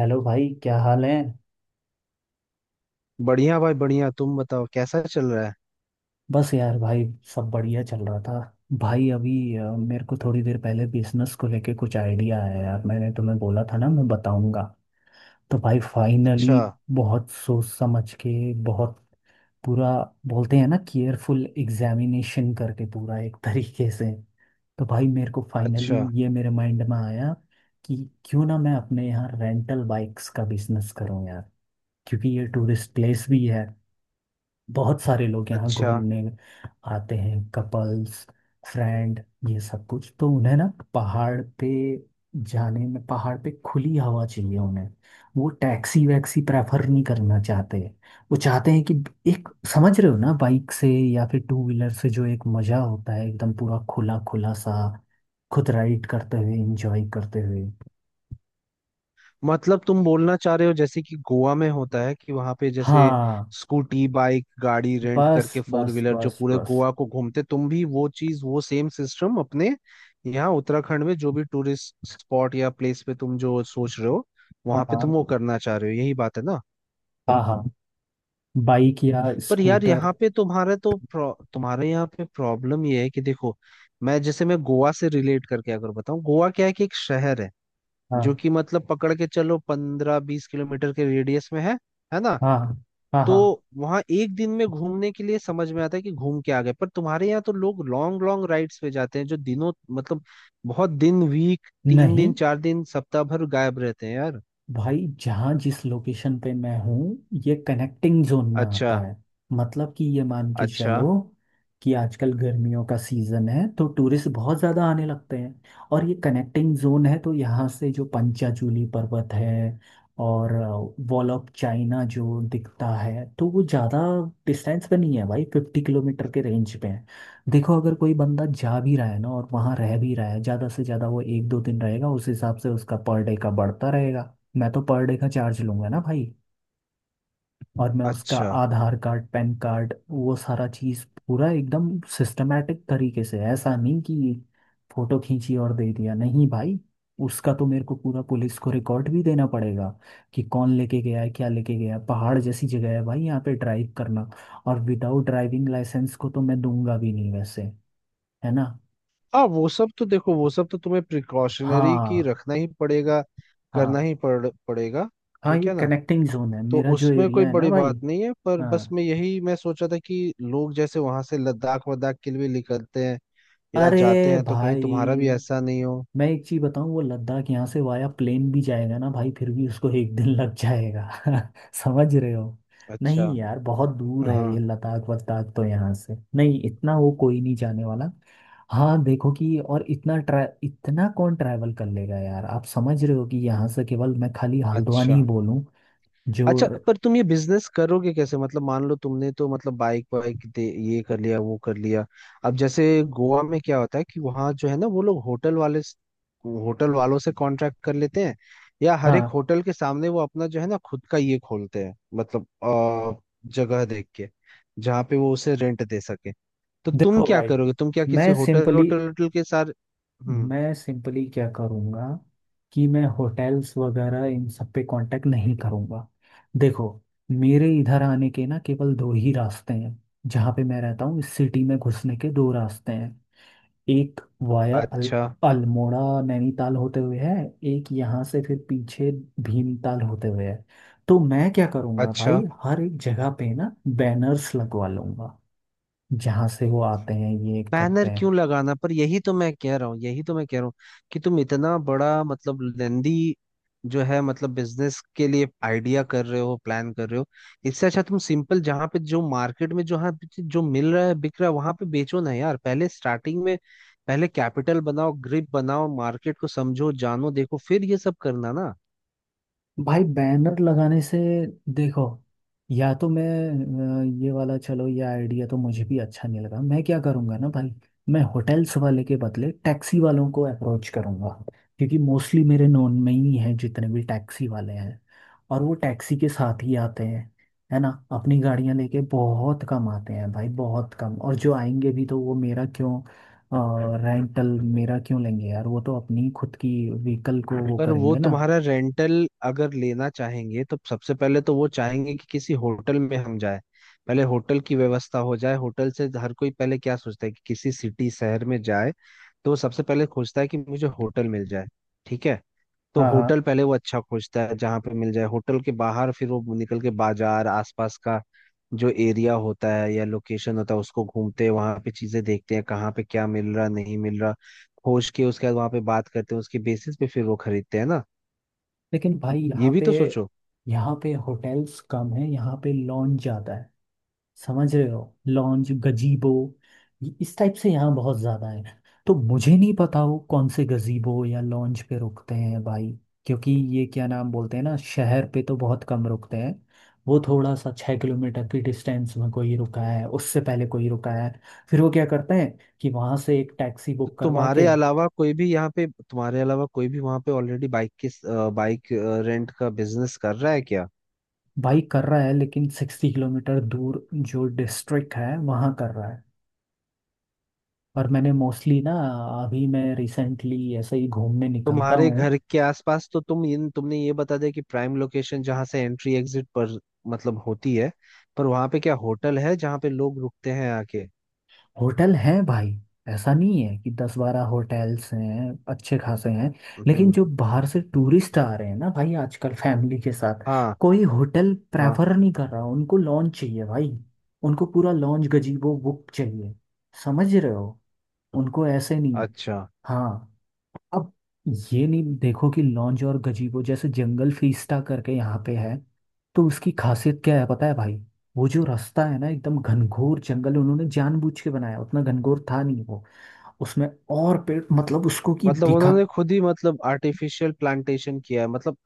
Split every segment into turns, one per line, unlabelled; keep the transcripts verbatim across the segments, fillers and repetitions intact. Hello भाई, क्या हाल है।
बढ़िया भाई बढ़िया। तुम बताओ कैसा चल रहा है।
बस यार भाई, सब बढ़िया चल रहा था। भाई अभी अ, मेरे को थोड़ी देर पहले बिजनेस को लेके कुछ आइडिया आया यार। मैंने तुम्हें बोला था ना मैं बताऊंगा। तो भाई फाइनली,
अच्छा।
बहुत सोच समझ के, बहुत पूरा, बोलते हैं ना केयरफुल एग्जामिनेशन करके पूरा एक तरीके से। तो भाई मेरे को फाइनली
अच्छा।
ये मेरे माइंड में आया कि क्यों ना मैं अपने यहाँ रेंटल बाइक्स का बिजनेस करूँ यार। क्योंकि ये टूरिस्ट प्लेस भी है, बहुत सारे लोग यहाँ
अच्छा।
घूमने आते हैं, कपल्स, फ्रेंड, ये सब कुछ। तो उन्हें ना पहाड़ पे जाने में पहाड़ पे खुली हवा चाहिए उन्हें। वो टैक्सी वैक्सी प्रेफर नहीं करना चाहते। वो चाहते हैं कि एक, समझ रहे हो ना, बाइक से या फिर टू व्हीलर से जो एक मज़ा होता है एकदम पूरा खुला खुला सा, खुद राइड करते हुए, इंजॉय करते हुए।
मतलब तुम बोलना चाह रहे हो जैसे कि गोवा में होता है कि वहां पे जैसे
हाँ।
स्कूटी बाइक गाड़ी रेंट
बस
करके फोर
बस
व्हीलर जो
बस
पूरे
बस।
गोवा को घूमते, तुम भी वो चीज वो सेम सिस्टम अपने यहाँ उत्तराखंड में जो भी टूरिस्ट स्पॉट या प्लेस पे तुम जो सोच रहे हो, वहां पे तुम
हाँ
वो करना चाह रहे हो, यही बात है ना।
हाँ हाँ। बाइक या
पर यार
स्कूटर।
यहाँ पे तुम्हारा तो प्रॉ- तुम्हारे यहाँ पे प्रॉब्लम ये है कि देखो, मैं जैसे मैं गोवा से रिलेट करके अगर बताऊँ, गोवा क्या है कि एक शहर है जो
हाँ
कि मतलब पकड़ के चलो पंद्रह बीस किलोमीटर के रेडियस में है है ना।
हाँ हाँ
तो
हाँ।
वहाँ एक दिन में घूमने के लिए समझ में आता है कि घूम के आ गए, पर तुम्हारे यहाँ तो लोग लॉन्ग लॉन्ग राइड्स पे जाते हैं जो दिनों मतलब बहुत दिन वीक, तीन
नहीं
दिन चार दिन सप्ताह भर गायब रहते हैं यार।
भाई, जहाँ जिस लोकेशन पे मैं हूँ, ये कनेक्टिंग जोन में
अच्छा।
आता है। मतलब कि ये मान के
अच्छा।
चलो कि आजकल गर्मियों का सीजन है तो टूरिस्ट बहुत ज़्यादा आने लगते हैं। और ये कनेक्टिंग जोन है तो यहाँ से जो पंचाचूली पर्वत है और वॉल ऑफ चाइना जो दिखता है, तो वो ज़्यादा डिस्टेंस पे नहीं है भाई, फिफ्टी किलोमीटर के रेंज पे है। देखो अगर कोई बंदा जा भी रहा है ना और वहाँ रह भी रहा है, ज़्यादा से ज़्यादा वो एक दो दिन रहेगा, उस हिसाब से उसका पर डे का बढ़ता रहेगा। मैं तो पर डे का चार्ज लूंगा ना भाई। और मैं उसका
अच्छा।
आधार कार्ड, पैन कार्ड, वो सारा चीज पूरा एकदम सिस्टमेटिक तरीके से, ऐसा नहीं कि फोटो खींची और दे दिया, नहीं भाई। उसका तो मेरे को पूरा पुलिस को रिकॉर्ड भी देना पड़ेगा कि कौन लेके गया है, क्या लेके गया है। पहाड़ जैसी जगह है भाई, यहाँ पे ड्राइव करना। और विदाउट ड्राइविंग लाइसेंस को तो मैं दूंगा भी नहीं वैसे। है ना।
हाँ वो सब तो देखो, वो सब तो तुम्हें प्रिकॉशनरी की
हाँ।
रखना ही पड़ेगा, करना
हाँ
ही पड़ पड़ेगा
हाँ,
ठीक
ये
है ना।
कनेक्टिंग जोन है
तो
मेरा जो
उसमें कोई
एरिया है ना
बड़ी
भाई।
बात नहीं है, पर बस
हाँ।
मैं यही मैं सोचा था कि लोग जैसे वहां से लद्दाख वद्दाख के लिए निकलते हैं या
अरे
जाते हैं, तो कहीं
भाई,
तुम्हारा भी ऐसा नहीं हो।
मैं एक चीज बताऊं, वो लद्दाख यहाँ से वाया प्लेन भी जाएगा ना भाई, फिर भी उसको एक दिन लग जाएगा। समझ रहे हो।
अच्छा।
नहीं यार, बहुत दूर है ये
हाँ।
लद्दाख वद्दाख, तो यहाँ से नहीं इतना वो, कोई नहीं जाने वाला। हाँ देखो कि और इतना ट्रा इतना कौन ट्रैवल कर लेगा यार, आप समझ रहे हो कि यहाँ से केवल मैं खाली हल्द्वानी ही
अच्छा।
बोलूं जो।
अच्छा पर तुम ये बिजनेस करोगे कैसे? मतलब मान लो तुमने तो मतलब बाइक वाइक दे, ये कर लिया वो कर लिया, अब जैसे गोवा में क्या होता है कि वहाँ जो है ना, वो लोग होटल वाले, होटल वालों से कॉन्ट्रैक्ट कर लेते हैं, या हर एक
हाँ।
होटल के सामने वो अपना जो है ना खुद का ये खोलते हैं मतलब अ, जगह देख के जहाँ पे वो उसे रेंट दे सके। तो तुम
देखो
क्या
भाई,
करोगे, तुम क्या किसी
मैं
होटल
सिंपली
होटल होटल के साथ? हम्म।
मैं सिंपली क्या करूँगा कि मैं होटल्स वगैरह इन सब पे कांटेक्ट नहीं करूँगा। देखो, मेरे इधर आने के ना केवल दो ही रास्ते हैं। जहाँ पे मैं रहता हूँ इस सिटी में घुसने के दो रास्ते हैं। एक वाया अल,
अच्छा।
अल्मोड़ा, नैनीताल होते हुए है। एक यहाँ से फिर पीछे, भीमताल होते हुए है। तो मैं क्या करूँगा
अच्छा।
भाई, हर एक जगह पे ना बैनर्स लगवा लूँगा, जहाँ से वो आते हैं, ये करते
बैनर
हैं।
क्यों लगाना? पर यही तो मैं कह रहा हूँ, यही तो मैं कह रहा हूँ कि तुम इतना बड़ा मतलब लेंदी जो है, मतलब बिजनेस के लिए आइडिया कर रहे हो, प्लान कर रहे हो। इससे अच्छा तुम सिंपल जहाँ पे जो मार्केट में जहाँ पे जो मिल रहा है बिक रहा है वहां पे बेचो ना यार, पहले स्टार्टिंग में। पहले कैपिटल बनाओ, ग्रिप बनाओ, मार्केट को समझो, जानो, देखो, फिर ये सब करना ना।
भाई बैनर लगाने से, देखो, या तो मैं अ, ये वाला, चलो ये आइडिया तो मुझे भी अच्छा नहीं लगा। मैं क्या करूँगा ना भाई, मैं होटल्स वाले के बदले टैक्सी वालों को अप्रोच करूँगा। क्योंकि मोस्टली मेरे नोन में ही हैं जितने भी टैक्सी वाले हैं। और वो टैक्सी के साथ ही आते हैं, है ना, अपनी गाड़ियां लेके बहुत कम आते हैं भाई, बहुत कम। और जो आएंगे भी तो वो मेरा क्यों रेंटल मेरा क्यों लेंगे यार, वो तो अपनी खुद की व्हीकल को वो
पर वो
करेंगे ना।
तुम्हारा रेंटल अगर लेना चाहेंगे तो सबसे पहले तो वो चाहेंगे कि किसी होटल में हम जाए, पहले होटल की व्यवस्था हो जाए। होटल से हर कोई पहले क्या सोचता है कि किसी सिटी शहर में जाए, तो वो सबसे पहले खोजता है कि मुझे होटल मिल जाए। ठीक है। तो
हाँ
होटल
हाँ।
पहले वो अच्छा खोजता है जहाँ पे मिल जाए, होटल के बाहर फिर वो निकल के बाजार आसपास का जो एरिया होता है या लोकेशन होता है उसको घूमते हैं, वहां पे चीजें देखते हैं कहाँ पे क्या मिल रहा नहीं मिल रहा, खोज के उसके बाद वहां पे बात करते हैं, उसके बेसिस पे फिर वो खरीदते हैं ना।
लेकिन भाई यहाँ
ये भी
पे
तो सोचो।
यहाँ पे होटल्स कम है, यहाँ पे लॉन्ज ज्यादा है। समझ रहे हो। लॉन्ज गजीबो, ये- इस टाइप से यहाँ बहुत ज्यादा है। तो मुझे नहीं पता वो कौन से गजीबो या लॉन्ज पे रुकते हैं भाई। क्योंकि ये क्या नाम बोलते हैं ना, शहर पे तो बहुत कम रुकते हैं। वो थोड़ा सा छः किलोमीटर की डिस्टेंस में कोई रुका है, उससे पहले कोई रुका है। फिर वो क्या करते हैं कि वहां से एक टैक्सी
तो
बुक करवा के।
तुम्हारे अलावा कोई भी यहाँ पे, तुम्हारे अलावा कोई भी वहां पे ऑलरेडी बाइक के, बाइक रेंट का बिजनेस कर रहा है क्या?
भाई कर रहा है, लेकिन सिक्सटी किलोमीटर दूर जो डिस्ट्रिक्ट है वहाँ कर रहा है। पर मैंने मोस्टली ना, अभी मैं रिसेंटली ऐसे ही घूमने निकलता
तुम्हारे
हूँ।
घर के आसपास तो तुम इन तुमने ये बता दिया कि प्राइम लोकेशन जहाँ से एंट्री एग्जिट पर मतलब होती है, पर वहां पे क्या होटल है जहाँ पे लोग रुकते हैं आके?
होटल हैं भाई, ऐसा नहीं है, कि दस बारह होटल्स हैं अच्छे खासे हैं। लेकिन
हम्म।
जो बाहर से टूरिस्ट आ रहे हैं ना भाई आजकल फैमिली के साथ,
हाँ।
कोई होटल
हाँ।
प्रेफर नहीं कर रहा, उनको लॉन्च चाहिए भाई। उनको पूरा लॉन्च गजीबो बुक चाहिए। समझ रहे हो, उनको ऐसे नहीं।
अच्छा
हाँ। अब ये नहीं, देखो कि लॉन्ज और गजीबो जैसे जंगल फीस्टा करके यहाँ पे है, तो उसकी खासियत क्या है पता है भाई। वो जो रास्ता है ना एकदम घनघोर जंगल, उन्होंने जानबूझ के बनाया, उतना घनघोर था नहीं वो, उसमें और पेड़, मतलब उसको कि
मतलब
दिखा,
उन्होंने खुद ही मतलब आर्टिफिशियल प्लांटेशन किया है, मतलब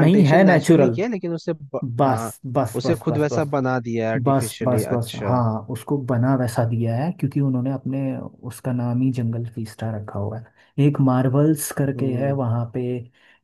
नहीं है
नेचुरली
नेचुरल।
किया है लेकिन उसे ब...
बस
हाँ,
बस
उसे
बस
खुद
बस
वैसा
बस
बना दिया है
बस
आर्टिफिशियली।
बस बस,
अच्छा।
हाँ उसको बना वैसा दिया है क्योंकि उन्होंने अपने उसका नाम ही जंगल फीस्टा रखा हुआ है, एक मार्वल्स करके है
हम्म।
वहाँ पे।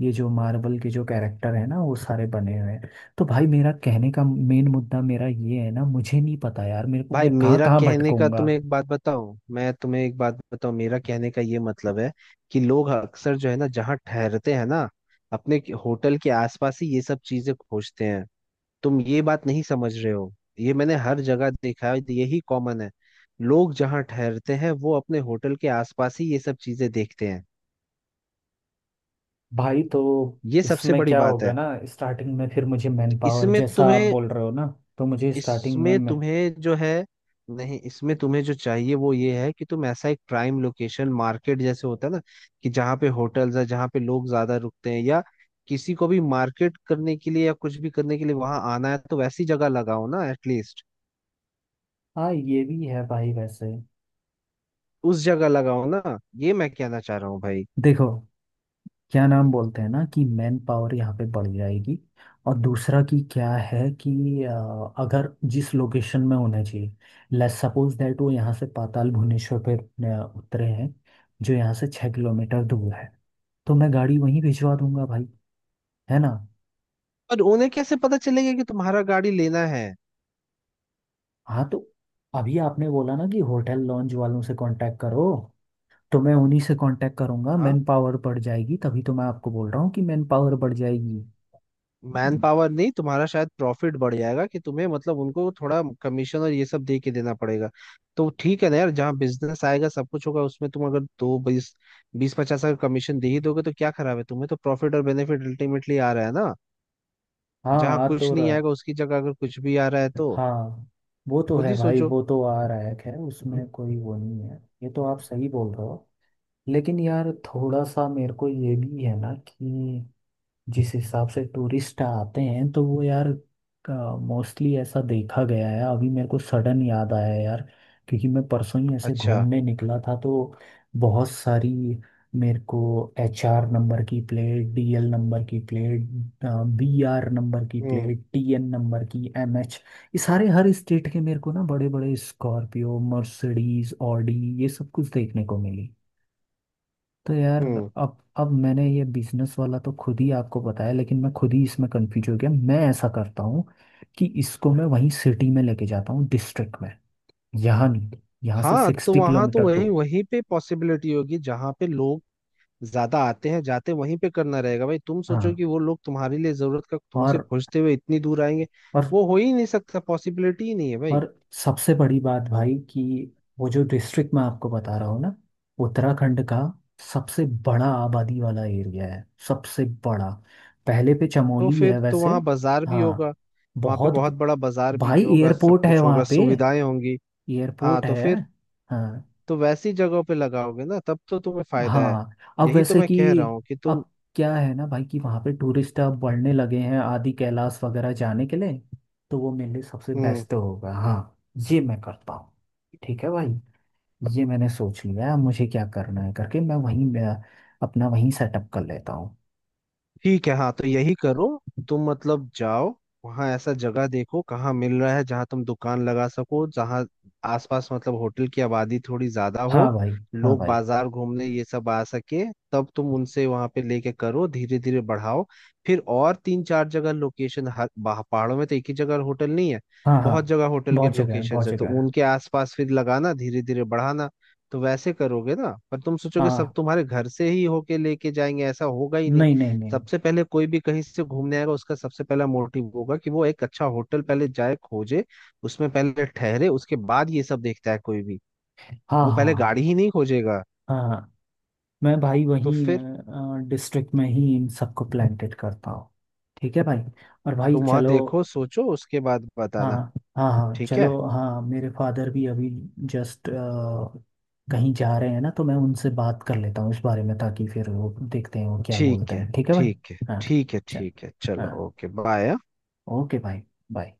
ये जो मार्वल के जो कैरेक्टर है ना, वो सारे बने हुए हैं। तो भाई मेरा कहने का मेन मुद्दा मेरा ये है ना, मुझे नहीं पता यार, मेरे को
भाई
मैं कहाँ
मेरा
कहाँ
कहने का,
भटकूंगा।
तुम्हें एक बात बताऊं, मैं तुम्हें एक बात बताऊं, मेरा कहने का ये मतलब है कि लोग अक्सर जो है ना जहाँ ठहरते हैं ना, अपने के- होटल के आसपास ही ये सब चीजें खोजते हैं। तुम ये बात नहीं समझ रहे हो। ये मैंने हर जगह देखा है, यही कॉमन है। लोग जहाँ ठहरते हैं वो अपने होटल के आसपास ही ये सब चीजें देखते हैं।
भाई तो
ये सबसे
इसमें
बड़ी
क्या
बात
होगा
है।
ना, स्टार्टिंग में फिर मुझे मैन
तो
पावर
इसमें
जैसा आप
तुम्हें,
बोल रहे हो ना, तो मुझे स्टार्टिंग में
इसमें
मैं।
तुम्हें जो है, नहीं, इसमें तुम्हें जो चाहिए वो ये है कि तुम ऐसा एक प्राइम लोकेशन मार्केट जैसे होता है ना कि जहाँ पे होटल्स है, जहाँ पे लोग ज्यादा रुकते हैं, या किसी को भी मार्केट करने के लिए या कुछ भी करने के लिए वहां आना है, तो वैसी जगह लगाओ ना, एटलीस्ट
हाँ ये भी है भाई वैसे।
उस जगह लगाओ ना। ये मैं कहना चाह रहा हूँ भाई।
देखो, क्या नाम बोलते हैं ना कि मैन पावर यहाँ पे बढ़ जाएगी। और दूसरा कि क्या है कि अ, अगर जिस लोकेशन में होना चाहिए, लेट्स सपोज दैट वो यहाँ से पाताल भुवनेश्वर पे अ, उतरे हैं, जो यहाँ से छः किलोमीटर दूर है, तो मैं गाड़ी वहीं भिजवा दूंगा भाई। है ना।
और उन्हें कैसे पता चलेगा कि तुम्हारा गाड़ी लेना है?
हाँ तो अभी आपने बोला ना कि होटल लॉन्ज वालों से कांटेक्ट करो, तो मैं उन्हीं से कांटेक्ट करूंगा।
हाँ।
मैन पावर बढ़ जाएगी, तभी तो मैं आपको बोल रहा हूँ कि मैन पावर बढ़ जाएगी।
मैन पावर नहीं, तुम्हारा शायद प्रॉफिट बढ़ जाएगा कि तुम्हें मतलब उनको थोड़ा कमीशन और ये सब दे के देना पड़ेगा। तो ठीक है ना यार, जहाँ बिजनेस आएगा सब कुछ होगा उसमें, तुम अगर दो बीस, बीस पचास का कमीशन दे ही दोगे तो क्या खराब है, तुम्हें तो प्रॉफिट और बेनिफिट अल्टीमेटली आ रहा है ना।
हाँ
जहाँ
आ
कुछ
तो
नहीं
रहा।
आएगा उसकी जगह अगर कुछ भी आ रहा है तो
हाँ वो तो
खुद
है
ही
भाई,
सोचो।
वो तो आ रहा है, खैर उसमें कोई वो नहीं है, ये तो आप सही बोल रहे हो। लेकिन यार थोड़ा सा मेरे को ये भी है ना, कि जिस हिसाब से टूरिस्ट आते हैं तो वो यार मोस्टली ऐसा देखा गया है, अभी मेरे को सडन याद आया यार, क्योंकि मैं परसों ही ऐसे
अच्छा।
घूमने निकला था तो बहुत सारी मेरे को एच आर नंबर की प्लेट, डी एल नंबर की प्लेट, बी आर नंबर की
हम्म।
प्लेट, टी एन नंबर की, एम एच, ये सारे हर स्टेट के मेरे को ना बड़े बड़े स्कॉर्पियो, मर्सिडीज, ऑडी, ये सब कुछ देखने को मिली। तो यार,
हम्म।
अब अब मैंने ये बिजनेस वाला तो खुद ही आपको बताया, लेकिन मैं खुद ही इसमें कंफ्यूज हो गया। मैं ऐसा करता हूँ कि इसको मैं वहीं सिटी में लेके जाता हूँ, डिस्ट्रिक्ट में, यहाँ नहीं, यहाँ से
हाँ तो
सिक्सटी
वहां तो
किलोमीटर
वही
दूर।
वहीं पे पॉसिबिलिटी होगी जहां पे लोग ज्यादा आते हैं जाते, वहीं पे करना रहेगा भाई। तुम
हाँ।
सोचो कि वो लोग तुम्हारे लिए जरूरत का तुमसे
और
खोजते हुए इतनी दूर आएंगे,
और
वो हो ही नहीं सकता, पॉसिबिलिटी ही नहीं है भाई।
और सबसे बड़ी बात भाई कि वो जो डिस्ट्रिक्ट मैं आपको बता रहा हूँ ना, उत्तराखंड का सबसे बड़ा आबादी वाला एरिया है, सबसे बड़ा। पहले पे
तो
चमोली है
फिर तो
वैसे।
वहाँ बाजार भी
हाँ
होगा, वहाँ पे
बहुत।
बहुत बड़ा बाजार भी
भाई
होगा, सब
एयरपोर्ट है
कुछ होगा,
वहाँ पे,
सुविधाएं होंगी। हाँ
एयरपोर्ट
तो
है।
फिर
हाँ
तो वैसी जगहों पे लगाओगे ना, तब तो तुम्हें फायदा है।
हाँ। अब
यही तो
वैसे
मैं
कि,
कह रहा हूँ कि तुम।
अब क्या है ना भाई, कि वहाँ पे टूरिस्ट अब बढ़ने लगे हैं आदि कैलाश वगैरह जाने के लिए। तो वो मेरे लिए सबसे
हम्म।
बेस्ट होगा। हाँ, ये मैं करता हूँ। ठीक है भाई, ये मैंने सोच लिया है अब मुझे क्या करना है करके, मैं वहीं मैं अपना वहीं सेटअप कर लेता हूँ।
ठीक है। हाँ तो यही करो। तुम मतलब जाओ, वहां ऐसा जगह देखो कहाँ मिल रहा है जहाँ तुम दुकान लगा सको, जहाँ आसपास मतलब होटल की आबादी थोड़ी ज्यादा हो,
हाँ भाई। हाँ
लोग
भाई।
बाजार घूमने ये सब आ सके, तब तुम उनसे वहां पे लेके करो, धीरे धीरे बढ़ाओ। फिर और तीन चार जगह लोकेशन, हर बाह- पहाड़ों में तो एक ही जगह होटल नहीं है,
हाँ हाँ।
बहुत जगह होटल के
बहुत जगह है,
लोकेशन
बहुत
है, तो
जगह है।
उनके आसपास फिर लगाना, धीरे धीरे बढ़ाना। तो वैसे करोगे ना, पर तुम सोचोगे सब
हाँ।
तुम्हारे घर से ही होके लेके जाएंगे, ऐसा होगा ही नहीं।
नहीं नहीं नहीं।
सबसे पहले कोई भी कहीं से घूमने आएगा, उसका सबसे पहला मोटिव होगा कि वो एक अच्छा होटल पहले जाए खोजे, उसमें पहले ठहरे, उसके बाद ये सब देखता है कोई भी।
हाँ
वो
हाँ
पहले गाड़ी
हाँ।
ही नहीं खोजेगा।
हाँ हाँ। मैं भाई
तो फिर
वहीं डिस्ट्रिक्ट में ही इन सबको प्लांटेड करता हूँ। ठीक है भाई। और भाई
तुम वहां
चलो।
देखो सोचो उसके बाद
हाँ
बताना।
हाँ हाँ
ठीक
चलो।
है।
हाँ मेरे फादर भी अभी जस्ट कहीं जा रहे हैं ना, तो मैं उनसे बात कर लेता हूँ इस बारे में, ताकि फिर वो देखते हैं वो क्या
ठीक
बोलते
है।
हैं। ठीक है भाई।
ठीक है।
हाँ
ठीक है।
चल।
ठीक है
हाँ
चलो, ओके बाय।
ओके भाई। बाय।